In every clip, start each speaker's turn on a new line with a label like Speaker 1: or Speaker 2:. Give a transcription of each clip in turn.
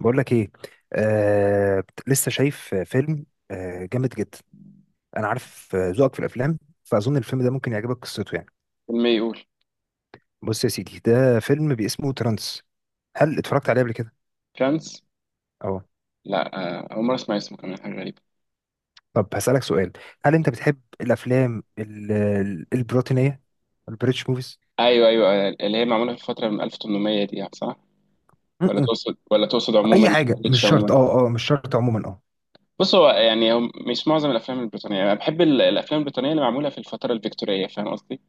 Speaker 1: بقول لك ايه. لسه شايف فيلم. آه جامد جدا. انا عارف، ذوقك في الافلام، فاظن الفيلم ده ممكن يعجبك قصته يعني.
Speaker 2: فيلم يقول
Speaker 1: بص يا سيدي، ده فيلم باسمه ترانس. هل اتفرجت عليه قبل كده؟
Speaker 2: فرانس.
Speaker 1: اه.
Speaker 2: لا، آه، أول مرة أسمع اسمه، كمان حاجة غريبة.
Speaker 1: طب هسألك سؤال، هل انت بتحب الافلام البروتينية، البريتش موفيز؟
Speaker 2: أيوه أيوه، آه، اللي هي معمولة في الفترة من 1800 دي، يعني صح؟ ولا
Speaker 1: م-م.
Speaker 2: تقصد، عموما
Speaker 1: اي حاجه، مش
Speaker 2: بيتش
Speaker 1: شرط،
Speaker 2: عموما.
Speaker 1: اه مش شرط، عموما اه.
Speaker 2: بص، هو يعني هو مش معظم الأفلام البريطانية. أنا بحب الأفلام البريطانية اللي معمولة في الفترة الفيكتورية، فاهم قصدي؟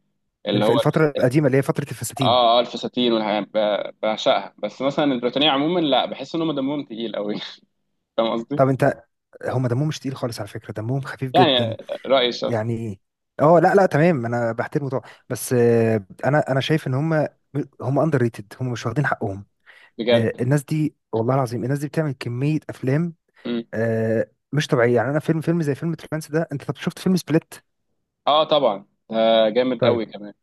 Speaker 2: اللي هو
Speaker 1: الفتره القديمه، اللي هي فتره الفساتين.
Speaker 2: آه آه الفساتين والحاجات، بعشقها. بس مثلا البريطانية عموما لا، بحس إن هم دمهم تقيل أوي فاهم قصدي؟
Speaker 1: طب انت، هم دمهم مش تقيل خالص، على فكره دمهم خفيف جدا
Speaker 2: يعني رأيي الشخصي.
Speaker 1: يعني. لا تمام، انا بحترمه طبعا، بس انا شايف ان هم، هم اندر ريتد، هم مش واخدين حقهم.
Speaker 2: بجد.
Speaker 1: الناس دي والله العظيم، الناس دي بتعمل كمية افلام
Speaker 2: مم.
Speaker 1: مش طبيعية يعني. انا فيلم زي فيلم ترانس ده. انت طب شفت فيلم سبليت؟
Speaker 2: آه طبعا، ده جامد
Speaker 1: طيب
Speaker 2: أوي كمان.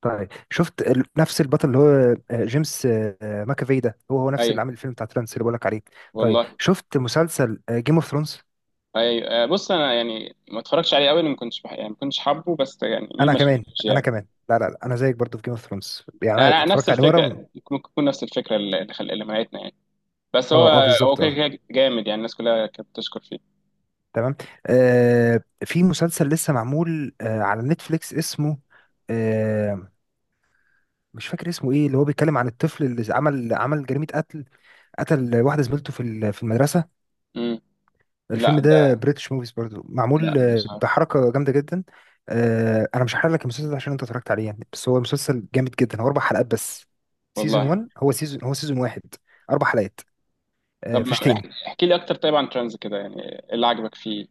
Speaker 1: طيب، شفت نفس البطل، اللي هو جيمس، ماكافي؟ ده هو هو نفس
Speaker 2: أيوه.
Speaker 1: اللي عامل الفيلم بتاع ترانس اللي بقولك عليه. طيب
Speaker 2: والله.
Speaker 1: شفت مسلسل جيم اوف ثرونز؟
Speaker 2: أي آه، بص انا يعني ما اتفرجش عليه قوي، لأن ما كنتش يعني ما كنتش حابه، بس يعني مين
Speaker 1: انا
Speaker 2: ما
Speaker 1: كمان،
Speaker 2: شافوش يعني.
Speaker 1: لا لا لا، انا زيك برضو في جيم اوف ثرونز، يعني انا
Speaker 2: انا نفس
Speaker 1: اتفرجت عليه مرة.
Speaker 2: الفكره، ممكن تكون نفس الفكره اللي اللي منعتنا يعني. بس هو،
Speaker 1: اه
Speaker 2: هو
Speaker 1: بالظبط،
Speaker 2: كده
Speaker 1: اه.
Speaker 2: كده جامد يعني، الناس كلها كانت بتشكر فيه.
Speaker 1: تمام. آه، في مسلسل لسه معمول على نتفليكس اسمه، آه، مش فاكر اسمه ايه، اللي هو بيتكلم عن الطفل اللي عمل جريمة قتل، قتل واحدة زميلته في في المدرسة.
Speaker 2: امم. لا
Speaker 1: الفيلم ده
Speaker 2: ده،
Speaker 1: بريتش موفيز برضو،
Speaker 2: لا
Speaker 1: معمول
Speaker 2: مش عارف.
Speaker 1: بحركة جامدة جدا. آه، انا مش هحرق لك المسلسل ده عشان انت اتفرجت عليه يعني، بس هو مسلسل جامد جدا. هو اربع حلقات بس، سيزون
Speaker 2: والله.
Speaker 1: 1، هو سيزون واحد، اربع حلقات.
Speaker 2: طب ما
Speaker 1: مفيش تاني.
Speaker 2: احكي، احكي لي اكتر طيب عن ترانز، كده يعني إيه اللي عجبك فيه؟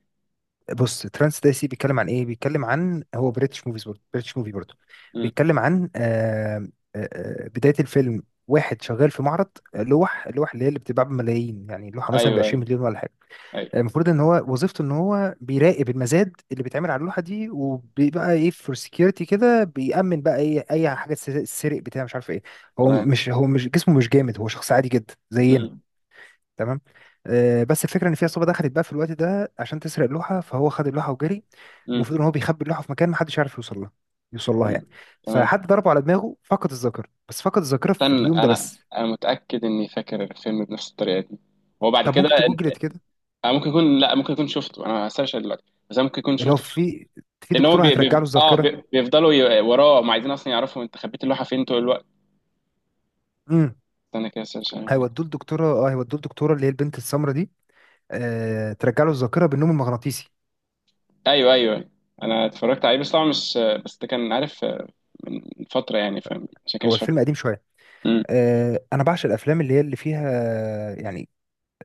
Speaker 1: بص ترانس دايسي، بيتكلم عن ايه؟ بيتكلم عن، هو بريتش موفيز برضه، بريتش موفي برضه،
Speaker 2: امم.
Speaker 1: بيتكلم عن، بداية الفيلم واحد شغال في معرض، لوح اللي هي اللي بتتباع بملايين، يعني لوحة مثلا ب
Speaker 2: ايوه ايوه.
Speaker 1: 20 مليون ولا حاجة.
Speaker 2: ايوه.
Speaker 1: المفروض ان هو وظيفته ان هو بيراقب المزاد اللي بيتعمل على اللوحة دي، وبيبقى ايه، فور سكيورتي كده، بيأمن بقى ايه اي حاجة تسرق بتاع مش عارف ايه. هو
Speaker 2: تمام.
Speaker 1: مش، جسمه مش جامد، هو شخص عادي جدا زينا.
Speaker 2: امم.
Speaker 1: تمام. آه، بس الفكره ان في عصابه دخلت بقى في الوقت ده عشان تسرق اللوحه، فهو خد اللوحه وجري.
Speaker 2: امم.
Speaker 1: المفروض ان هو بيخبي اللوحه في مكان محدش يعرف يوصل لها،
Speaker 2: تمام.
Speaker 1: يعني.
Speaker 2: تمام.
Speaker 1: فحد ضربه على دماغه، فقد الذاكره، بس فقد الذاكره في
Speaker 2: استنى،
Speaker 1: اليوم ده
Speaker 2: انا
Speaker 1: بس.
Speaker 2: انا متاكد اني فاكر الفيلم بنفس الطريقه دي. هو بعد
Speaker 1: طب
Speaker 2: كده.
Speaker 1: ممكن تجوجلت كده.
Speaker 2: انا ممكن يكون، لا ممكن يكون شفته، انا هسيرش دلوقتي، بس انا ممكن يكون
Speaker 1: اللي هو
Speaker 2: شفته.
Speaker 1: في، في
Speaker 2: لان هو
Speaker 1: دكتوره هترجع له الذاكره.
Speaker 2: بيفضلوا وراه، ما عايزين اصلا يعرفوا انت خبيت اللوحه فين طول الوقت.
Speaker 1: امم.
Speaker 2: استنى كده، سيرش ممكن.
Speaker 1: هيودوه لدكتوره، اللي هي البنت السمراء دي. آه، ترجع له الذاكره بالنوم المغناطيسي.
Speaker 2: ايوه ايوه، انا اتفرجت عليه، بس طبعا مش، بس ده كان عارف آه، من فتره يعني، فاهم عشان كده
Speaker 1: هو
Speaker 2: مش فاكر.
Speaker 1: الفيلم قديم شويه.
Speaker 2: امم.
Speaker 1: آه، انا بعشق الافلام اللي هي اللي فيها، يعني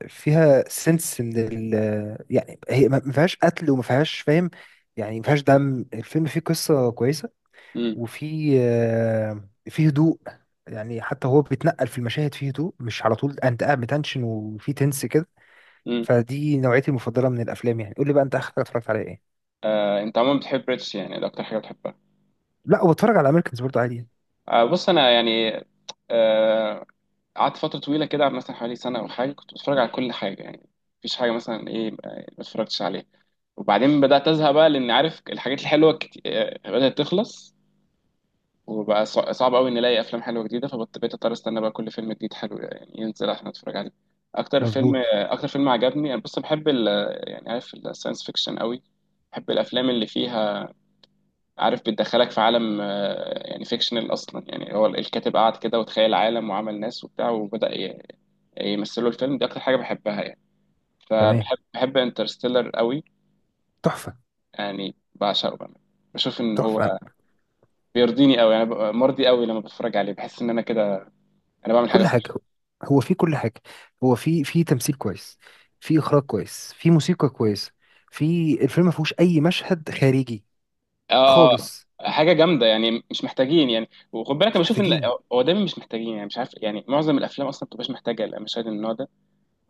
Speaker 1: فيها سنس من ال، يعني هي ما فيهاش قتل وما فيهاش، فاهم يعني، ما فيهاش دم. الفيلم فيه قصة كويسة،
Speaker 2: امم.
Speaker 1: وفي فيه هدوء، يعني حتى هو بيتنقل في المشاهد فيه هدوء، مش على طول انت قاعد بتنشن وفي تنس كده.
Speaker 2: امم.
Speaker 1: فدي نوعيتي المفضلة من الافلام. يعني قول لي بقى انت اخر حاجة اتفرجت عليها ايه؟
Speaker 2: آه انت عموما بتحب ريتش يعني، ده اكتر حاجه بتحبها.
Speaker 1: لا، وبتفرج على امريكانز برضه عادي يعني.
Speaker 2: آه بص انا يعني آه، قعدت فتره طويله كده، مثلا حوالي سنه او حاجه، كنت بتفرج على كل حاجه يعني. مفيش حاجه مثلا ايه ما اتفرجتش عليها. وبعدين بدأت أزهق بقى، لأن عارف الحاجات الحلوة كت... آه، بدأت تخلص. وبقى صعب أوي نلاقي أفلام حلوة جديدة، فبقيت أضطر أستنى بقى كل فيلم جديد حلو يعني ينزل عشان أتفرج عليه. أكتر فيلم
Speaker 1: مظبوط.
Speaker 2: أكتر فيلم عجبني، أنا بص بحب يعني عارف، الساينس فيكشن أوي. بحب الأفلام اللي فيها، عارف، بتدخلك في عالم آه، يعني فيكشنال أصلا، يعني هو الكاتب قعد كده وتخيل عالم وعمل ناس وبتاع، يمثله الفيلم. دي أكتر حاجة بحبها يعني.
Speaker 1: تمام.
Speaker 2: فبحب انترستيلر أوي،
Speaker 1: تحفة.
Speaker 2: يعني بعشقه بقى. بشوف ان هو
Speaker 1: تحفة.
Speaker 2: بيرضيني قوي، انا ببقى مرضي قوي لما بتفرج عليه، بحس ان انا كده انا بعمل حاجه
Speaker 1: كل
Speaker 2: صح.
Speaker 1: حاجة، هو في كل حاجة، هو في، في تمثيل كويس، في إخراج كويس، في موسيقى كويس. في الفيلم ما فيهوش أي مشهد خارجي
Speaker 2: اه.
Speaker 1: خالص.
Speaker 2: آه، حاجه جامده يعني، مش محتاجين يعني، وخد بالك انا
Speaker 1: مش
Speaker 2: بشوف ان
Speaker 1: محتاجين.
Speaker 2: هو دايما مش محتاجين يعني، مش عارف يعني، معظم الافلام اصلا ما بتبقاش محتاجه المشاهد من النوع ده.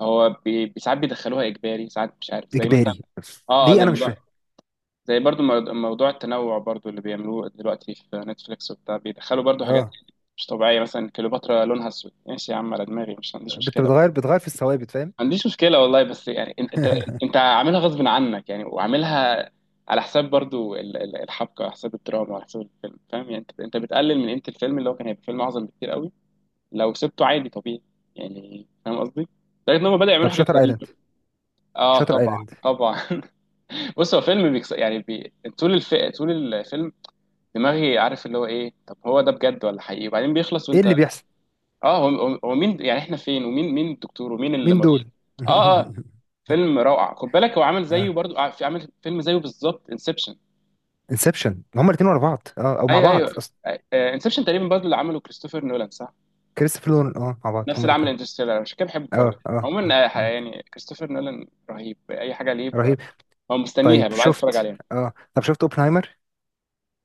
Speaker 2: هو ساعات بيدخلوها اجباري، ساعات مش عارف، زي مثلا
Speaker 1: إجباري؟
Speaker 2: اه آه،
Speaker 1: ليه؟
Speaker 2: زي
Speaker 1: أنا مش
Speaker 2: موضوع،
Speaker 1: فاهم.
Speaker 2: زي برضو موضوع التنوع برضو اللي بيعملوه دلوقتي في نتفليكس وبتاع، بيدخلوا برضو حاجات
Speaker 1: اه،
Speaker 2: مش طبيعيه. مثلا كليوباترا لونها اسود، ماشي يا عم، على دماغي، مش ما عنديش مشكله.
Speaker 1: بتغير، بتغير في الثوابت، فاهم.
Speaker 2: ما عنديش مشكلة والله، بس يعني انت، انت انت عاملها غصب عنك يعني، وعاملها على حساب برضو الحبكة، على حساب الدراما، على حساب الفيلم، فاهم يعني؟ انت، انت بتقلل من قيمة الفيلم اللي هو كان هيبقى فيلم اعظم بكتير قوي لو سبته عادي طبيعي، يعني فاهم قصدي؟ لدرجة ان هم بدأوا يعملوا
Speaker 1: طب
Speaker 2: حاجات
Speaker 1: شاتر ايلاند،
Speaker 2: غريبة. اه
Speaker 1: شاتر
Speaker 2: طبعا
Speaker 1: ايلاند.
Speaker 2: طبعا. بص هو فيلم طول طول الفيلم دماغي عارف اللي هو ايه، طب هو ده بجد ولا حقيقي، وبعدين بيخلص
Speaker 1: ايه
Speaker 2: وانت،
Speaker 1: اللي بيحصل؟
Speaker 2: اه هو، هو مين، يعني احنا فين، ومين، الدكتور ومين
Speaker 1: مين
Speaker 2: المريض.
Speaker 1: دول؟
Speaker 2: اه آه. فيلم روعه. خد بالك هو عامل زيه
Speaker 1: اه،
Speaker 2: برضو، في عامل فيلم زيه بالظبط، انسبشن.
Speaker 1: انسبشن، هما الاثنين ورا بعض، اه، او مع
Speaker 2: ايوه
Speaker 1: بعض اصلا.
Speaker 2: اه ايوه، انسبشن تقريبا برضو اللي عمله كريستوفر نولان، صح؟
Speaker 1: كريستوفر نولان، اه، مع بعض
Speaker 2: نفس
Speaker 1: هما
Speaker 2: اللي عمل
Speaker 1: الاثنين.
Speaker 2: انترستيلر، عشان كده بحبه برضو.
Speaker 1: اه م-
Speaker 2: عموما آه،
Speaker 1: م.
Speaker 2: يعني كريستوفر نولان رهيب، اي حاجه ليه
Speaker 1: رهيب.
Speaker 2: هو مستنيها
Speaker 1: طيب
Speaker 2: ببقى عايز اتفرج
Speaker 1: شفت،
Speaker 2: عليها.
Speaker 1: اه، طب شفت اوبنهايمر؟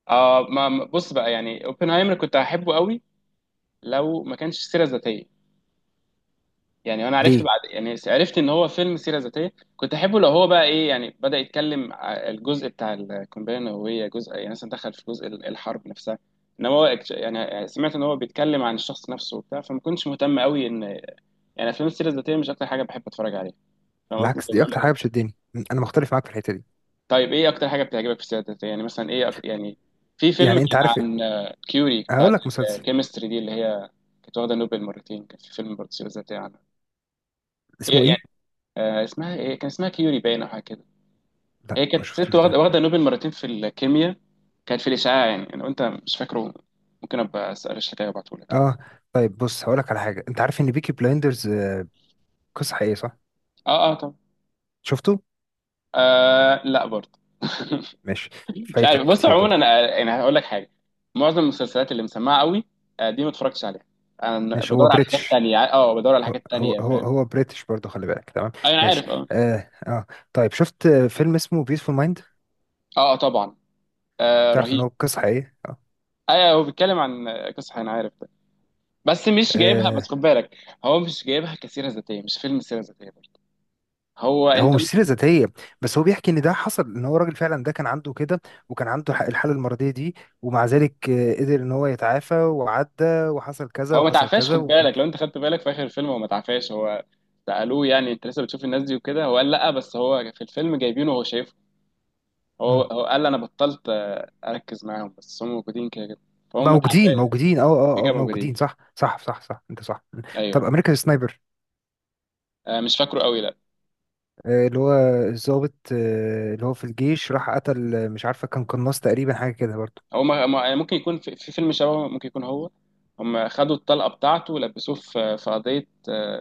Speaker 2: اه بص بقى يعني اوبنهايمر كنت هحبه قوي لو ما كانش سيره ذاتيه. يعني انا عرفت
Speaker 1: ليه؟
Speaker 2: بعد، يعني عرفت ان هو فيلم سيره ذاتيه. كنت احبه لو هو بقى ايه، يعني بدا يتكلم الجزء بتاع القنبله النوويه، جزء يعني مثلا دخل في جزء الحرب نفسها. انما هو يعني سمعت ان هو بيتكلم عن الشخص نفسه وبتاع، فما كنتش مهتم قوي ان، يعني افلام السيره الذاتيه مش اكتر حاجه بحب اتفرج عليها. فاهم قصدي؟
Speaker 1: بالعكس،
Speaker 2: طب
Speaker 1: دي
Speaker 2: بقول لك
Speaker 1: اكتر حاجه
Speaker 2: إيه؟
Speaker 1: بتشدني، انا مختلف معاك في الحته دي.
Speaker 2: طيب ايه اكتر حاجه بتعجبك في السيره الذاتيه؟ يعني مثلا ايه يعني في فيلم
Speaker 1: يعني انت
Speaker 2: كان
Speaker 1: عارف إيه؟
Speaker 2: عن آه، كيوري بتاعت
Speaker 1: هقول لك مسلسل.
Speaker 2: الكيمستري دي، اللي هي كانت واخده نوبل مرتين. كان في فيلم برضه سيره ذاتيه عنها.
Speaker 1: اسمه
Speaker 2: إيه يعني،
Speaker 1: ايه؟
Speaker 2: آه، اسمها ايه، كان اسمها كيوري باين او حاجه كده.
Speaker 1: لا
Speaker 2: هي
Speaker 1: ما
Speaker 2: كانت ست
Speaker 1: شفتوش ده.
Speaker 2: واخده، واخده نوبل مرتين في الكيمياء، كانت في الاشعاع. يعني لو انت مش فاكره، ممكن ابقى اسال الشكايه وابعته لك يعني.
Speaker 1: اه. طيب بص هقول لك على حاجه، انت عارف ان بيكي بلايندرز قصه حقيقيه، صح؟
Speaker 2: اه اه طب.
Speaker 1: شفته؟
Speaker 2: آه لا برضه
Speaker 1: ماشي.
Speaker 2: مش عارف.
Speaker 1: فايتك
Speaker 2: بص
Speaker 1: كتير
Speaker 2: عموما
Speaker 1: برضه.
Speaker 2: انا يعني هقول لك حاجه، معظم المسلسلات اللي مسمعه قوي آه، دي ما اتفرجتش عليها. انا
Speaker 1: ماشي، هو
Speaker 2: بدور على حاجات
Speaker 1: بريتش،
Speaker 2: تانية، اه بدور على
Speaker 1: هو
Speaker 2: حاجات
Speaker 1: هو
Speaker 2: تانية،
Speaker 1: هو
Speaker 2: فاهم؟
Speaker 1: هو بريتش برضه، خلي بالك. تمام.
Speaker 2: أيوة، انا
Speaker 1: ماشي.
Speaker 2: عارف اه.
Speaker 1: اه اه. طيب شفت فيلم اسمه بيسفول مايند؟
Speaker 2: اه آه، طبعا. آه
Speaker 1: تعرف ان
Speaker 2: رهيب.
Speaker 1: هو قصه حقيقيه؟ اه.
Speaker 2: ايوه هو بيتكلم عن قصه، انا عارف ده، بس مش جايبها. بس
Speaker 1: آه،
Speaker 2: خد بالك، هو مش جايبها كسيره ذاتيه، مش فيلم سيره ذاتيه. هو
Speaker 1: هو
Speaker 2: انت
Speaker 1: مش سيرة
Speaker 2: ممكن-
Speaker 1: ذاتية، بس هو بيحكي ان ده حصل، ان هو راجل فعلا ده كان عنده كده، وكان عنده الحالة المرضية دي، ومع ذلك قدر ان هو يتعافى وعدى، وحصل كذا
Speaker 2: هو ما
Speaker 1: وحصل
Speaker 2: تعفاش،
Speaker 1: كذا
Speaker 2: خد
Speaker 1: و...
Speaker 2: بالك، لو انت خدت بالك في اخر الفيلم هو ما تعفاش. هو سالوه، يعني انت لسه بتشوف الناس دي وكده، هو قال لا، بس هو في الفيلم جايبينه وهو شايفه. هو
Speaker 1: مم.
Speaker 2: هو قال انا بطلت آه، اركز معاهم، بس هم موجودين كده كده. فهم ما
Speaker 1: موجودين
Speaker 2: تعفاش.
Speaker 1: موجودين اه
Speaker 2: كده
Speaker 1: اه اه،
Speaker 2: كده موجودين.
Speaker 1: موجودين، صح صح صح صح، انت صح.
Speaker 2: ايوه
Speaker 1: طب
Speaker 2: انا فاكر.
Speaker 1: امريكان سنايبر،
Speaker 2: آه، مش فاكره قوي لا.
Speaker 1: آه، اللي هو الضابط اللي هو في الجيش، راح قتل، مش عارفة، كان قناص تقريبا حاجة كده برضه.
Speaker 2: هو يعني ممكن يكون في، في فيلم شبه، ممكن يكون هو، هم خدوا الطلقة بتاعته ولبسوه في، في قضية،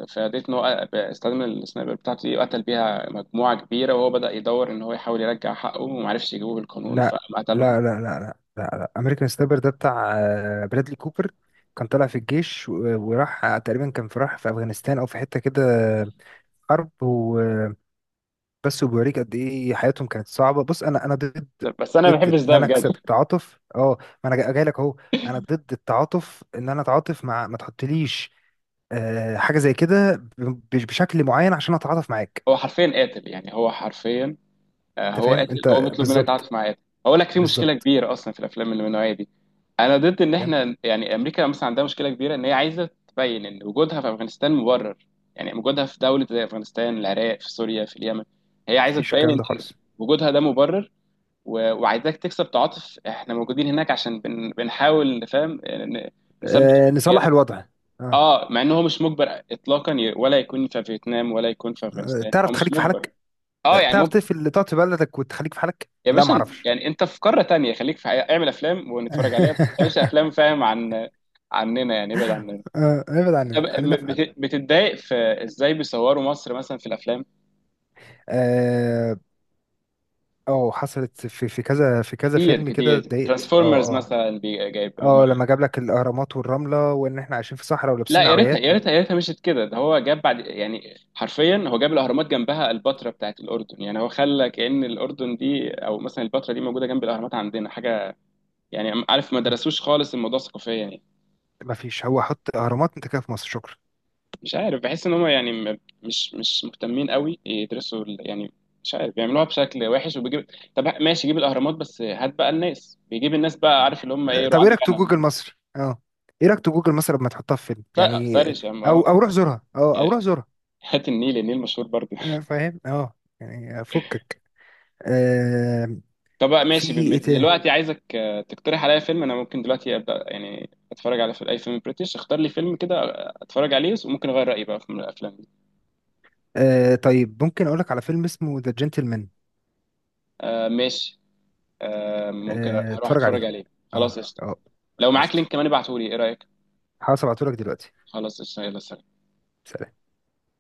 Speaker 2: في قضية إن هو استخدم السنايبر بتاعته دي وقتل بيها مجموعة كبيرة، وهو بدأ يدور إن هو يحاول يرجع حقه ومعرفش يجيبوه بالقانون
Speaker 1: لا
Speaker 2: فقتلهم.
Speaker 1: لا. امريكان سنايبر ده بتاع برادلي كوبر، كان طالع في الجيش وراح، تقريبا كان في، راح في افغانستان او في حته كده، حرب وبس. وبيوريك قد ايه حياتهم كانت صعبه. بص انا ضد،
Speaker 2: بس أنا ما
Speaker 1: ضد
Speaker 2: بحبش
Speaker 1: ان
Speaker 2: ده
Speaker 1: انا
Speaker 2: بجد.
Speaker 1: اكسب تعاطف، اه. ما انا جاي لك اهو. انا ضد التعاطف، ان انا اتعاطف مع، ما تحطليش حاجه زي كده بشكل معين عشان اتعاطف معاك.
Speaker 2: هو حرفيا قاتل يعني، هو حرفيا آه،
Speaker 1: انت
Speaker 2: هو
Speaker 1: فاهم،
Speaker 2: قاتل، هو
Speaker 1: انت
Speaker 2: بيطلب منك
Speaker 1: بالظبط
Speaker 2: تتعاطف مع قاتل. هقول لك، في مشكله
Speaker 1: بالظبط
Speaker 2: كبيره اصلا في الافلام اللي من النوعيه دي. انا ضد ان
Speaker 1: فاهم.
Speaker 2: احنا، يعني امريكا مثلا عندها مشكله كبيره ان هي عايزه تبين ان وجودها في افغانستان مبرر، يعني وجودها في دوله زي افغانستان، العراق، في سوريا، في اليمن. هي عايزه
Speaker 1: مفيش
Speaker 2: تبين
Speaker 1: الكلام
Speaker 2: ان،
Speaker 1: ده
Speaker 2: إن
Speaker 1: خالص.
Speaker 2: وجودها ده مبرر، وعايزاك تكسب تعاطف، احنا موجودين هناك عشان بنحاول نفهم نثبت
Speaker 1: نصلح
Speaker 2: حرياته.
Speaker 1: الوضع. اه.
Speaker 2: اه، مع ان هو مش مجبر اطلاقا ولا يكون في فيتنام ولا يكون في افغانستان، هو
Speaker 1: تعرف
Speaker 2: مش
Speaker 1: تخليك في
Speaker 2: مجبر.
Speaker 1: حالك،
Speaker 2: اه يعني
Speaker 1: تعرف
Speaker 2: ممكن.
Speaker 1: تقفل، تقعد في بلدك وتخليك في حالك،
Speaker 2: يا
Speaker 1: لا ما
Speaker 2: باشا
Speaker 1: اعرفش.
Speaker 2: يعني انت في قاره تانية، خليك في حقيقة. اعمل افلام ونتفرج عليها، بس ما تعملش افلام فاهم عن، عننا، يعني ابعد عننا.
Speaker 1: ابعد
Speaker 2: طب
Speaker 1: عننا، خلينا في حالك.
Speaker 2: بتتضايق في ازاي بيصوروا مصر مثلا في الافلام؟
Speaker 1: اه. حصلت، في في كذا، في كذا
Speaker 2: كتير
Speaker 1: فيلم كده
Speaker 2: كتير،
Speaker 1: اتضايقت اه.
Speaker 2: ترانسفورمرز
Speaker 1: اه
Speaker 2: مثلا جايب هم.
Speaker 1: اه لما جاب لك الاهرامات والرمله، وان احنا عايشين في صحراء
Speaker 2: لا
Speaker 1: ولابسين
Speaker 2: يا ريتها،
Speaker 1: عبايات
Speaker 2: يا
Speaker 1: و...
Speaker 2: ريتها، يا ريتها مشيت كده، ده هو جاب بعد يعني، حرفيا هو جاب الاهرامات جنبها البتراء بتاعت الاردن، يعني هو خلى كأن الاردن دي او مثلا البتراء دي موجوده جنب الاهرامات عندنا، حاجه يعني، عارف ما درسوش خالص الموضوع ثقافيا يعني.
Speaker 1: ما فيش. هو حط اهرامات، انت كده في مصر، شكرا.
Speaker 2: مش عارف، بحس ان هم يعني مش مهتمين قوي يدرسوا يعني مش عارف، بيعملوها بشكل وحش وبيجيب. طب ماشي، جيب الاهرامات بس هات بقى الناس، بيجيب الناس بقى عارف اللي هم ايه،
Speaker 1: طب
Speaker 2: رعاة
Speaker 1: ايه رايك تو
Speaker 2: الغنم.
Speaker 1: جوجل مصر، اه؟ ايه رايك تو جوجل مصر لما تحطها في فيلم يعني؟
Speaker 2: سرش يا عم،
Speaker 1: او
Speaker 2: اه،
Speaker 1: او روح زورها، اه، او روح زورها.
Speaker 2: هات النيل، النيل مشهور برضه.
Speaker 1: فاهم، اه، يعني فكك. آه
Speaker 2: طب بقى
Speaker 1: في
Speaker 2: ماشي،
Speaker 1: ايه تاني؟
Speaker 2: دلوقتي عايزك آه، تقترح عليا فيلم، انا ممكن دلوقتي ابدا يعني اتفرج على اي فيلم بريتش. اختار لي فيلم كده آه، اتفرج عليه وممكن اغير رايي بقى في الافلام دي.
Speaker 1: آه، طيب ممكن اقولك على فيلم اسمه ذا جنتلمان.
Speaker 2: آه ماشي. آه ممكن
Speaker 1: آه
Speaker 2: اروح
Speaker 1: اتفرج
Speaker 2: اتفرج
Speaker 1: عليه،
Speaker 2: عليه، خلاص
Speaker 1: اه
Speaker 2: قشطة.
Speaker 1: اه
Speaker 2: لو معاك لينك
Speaker 1: قشطة،
Speaker 2: كمان، ابعته لي، ايه رايك؟
Speaker 1: هبعتهولك دلوقتي.
Speaker 2: خلاص قشطة، يلا سلام.
Speaker 1: سلام.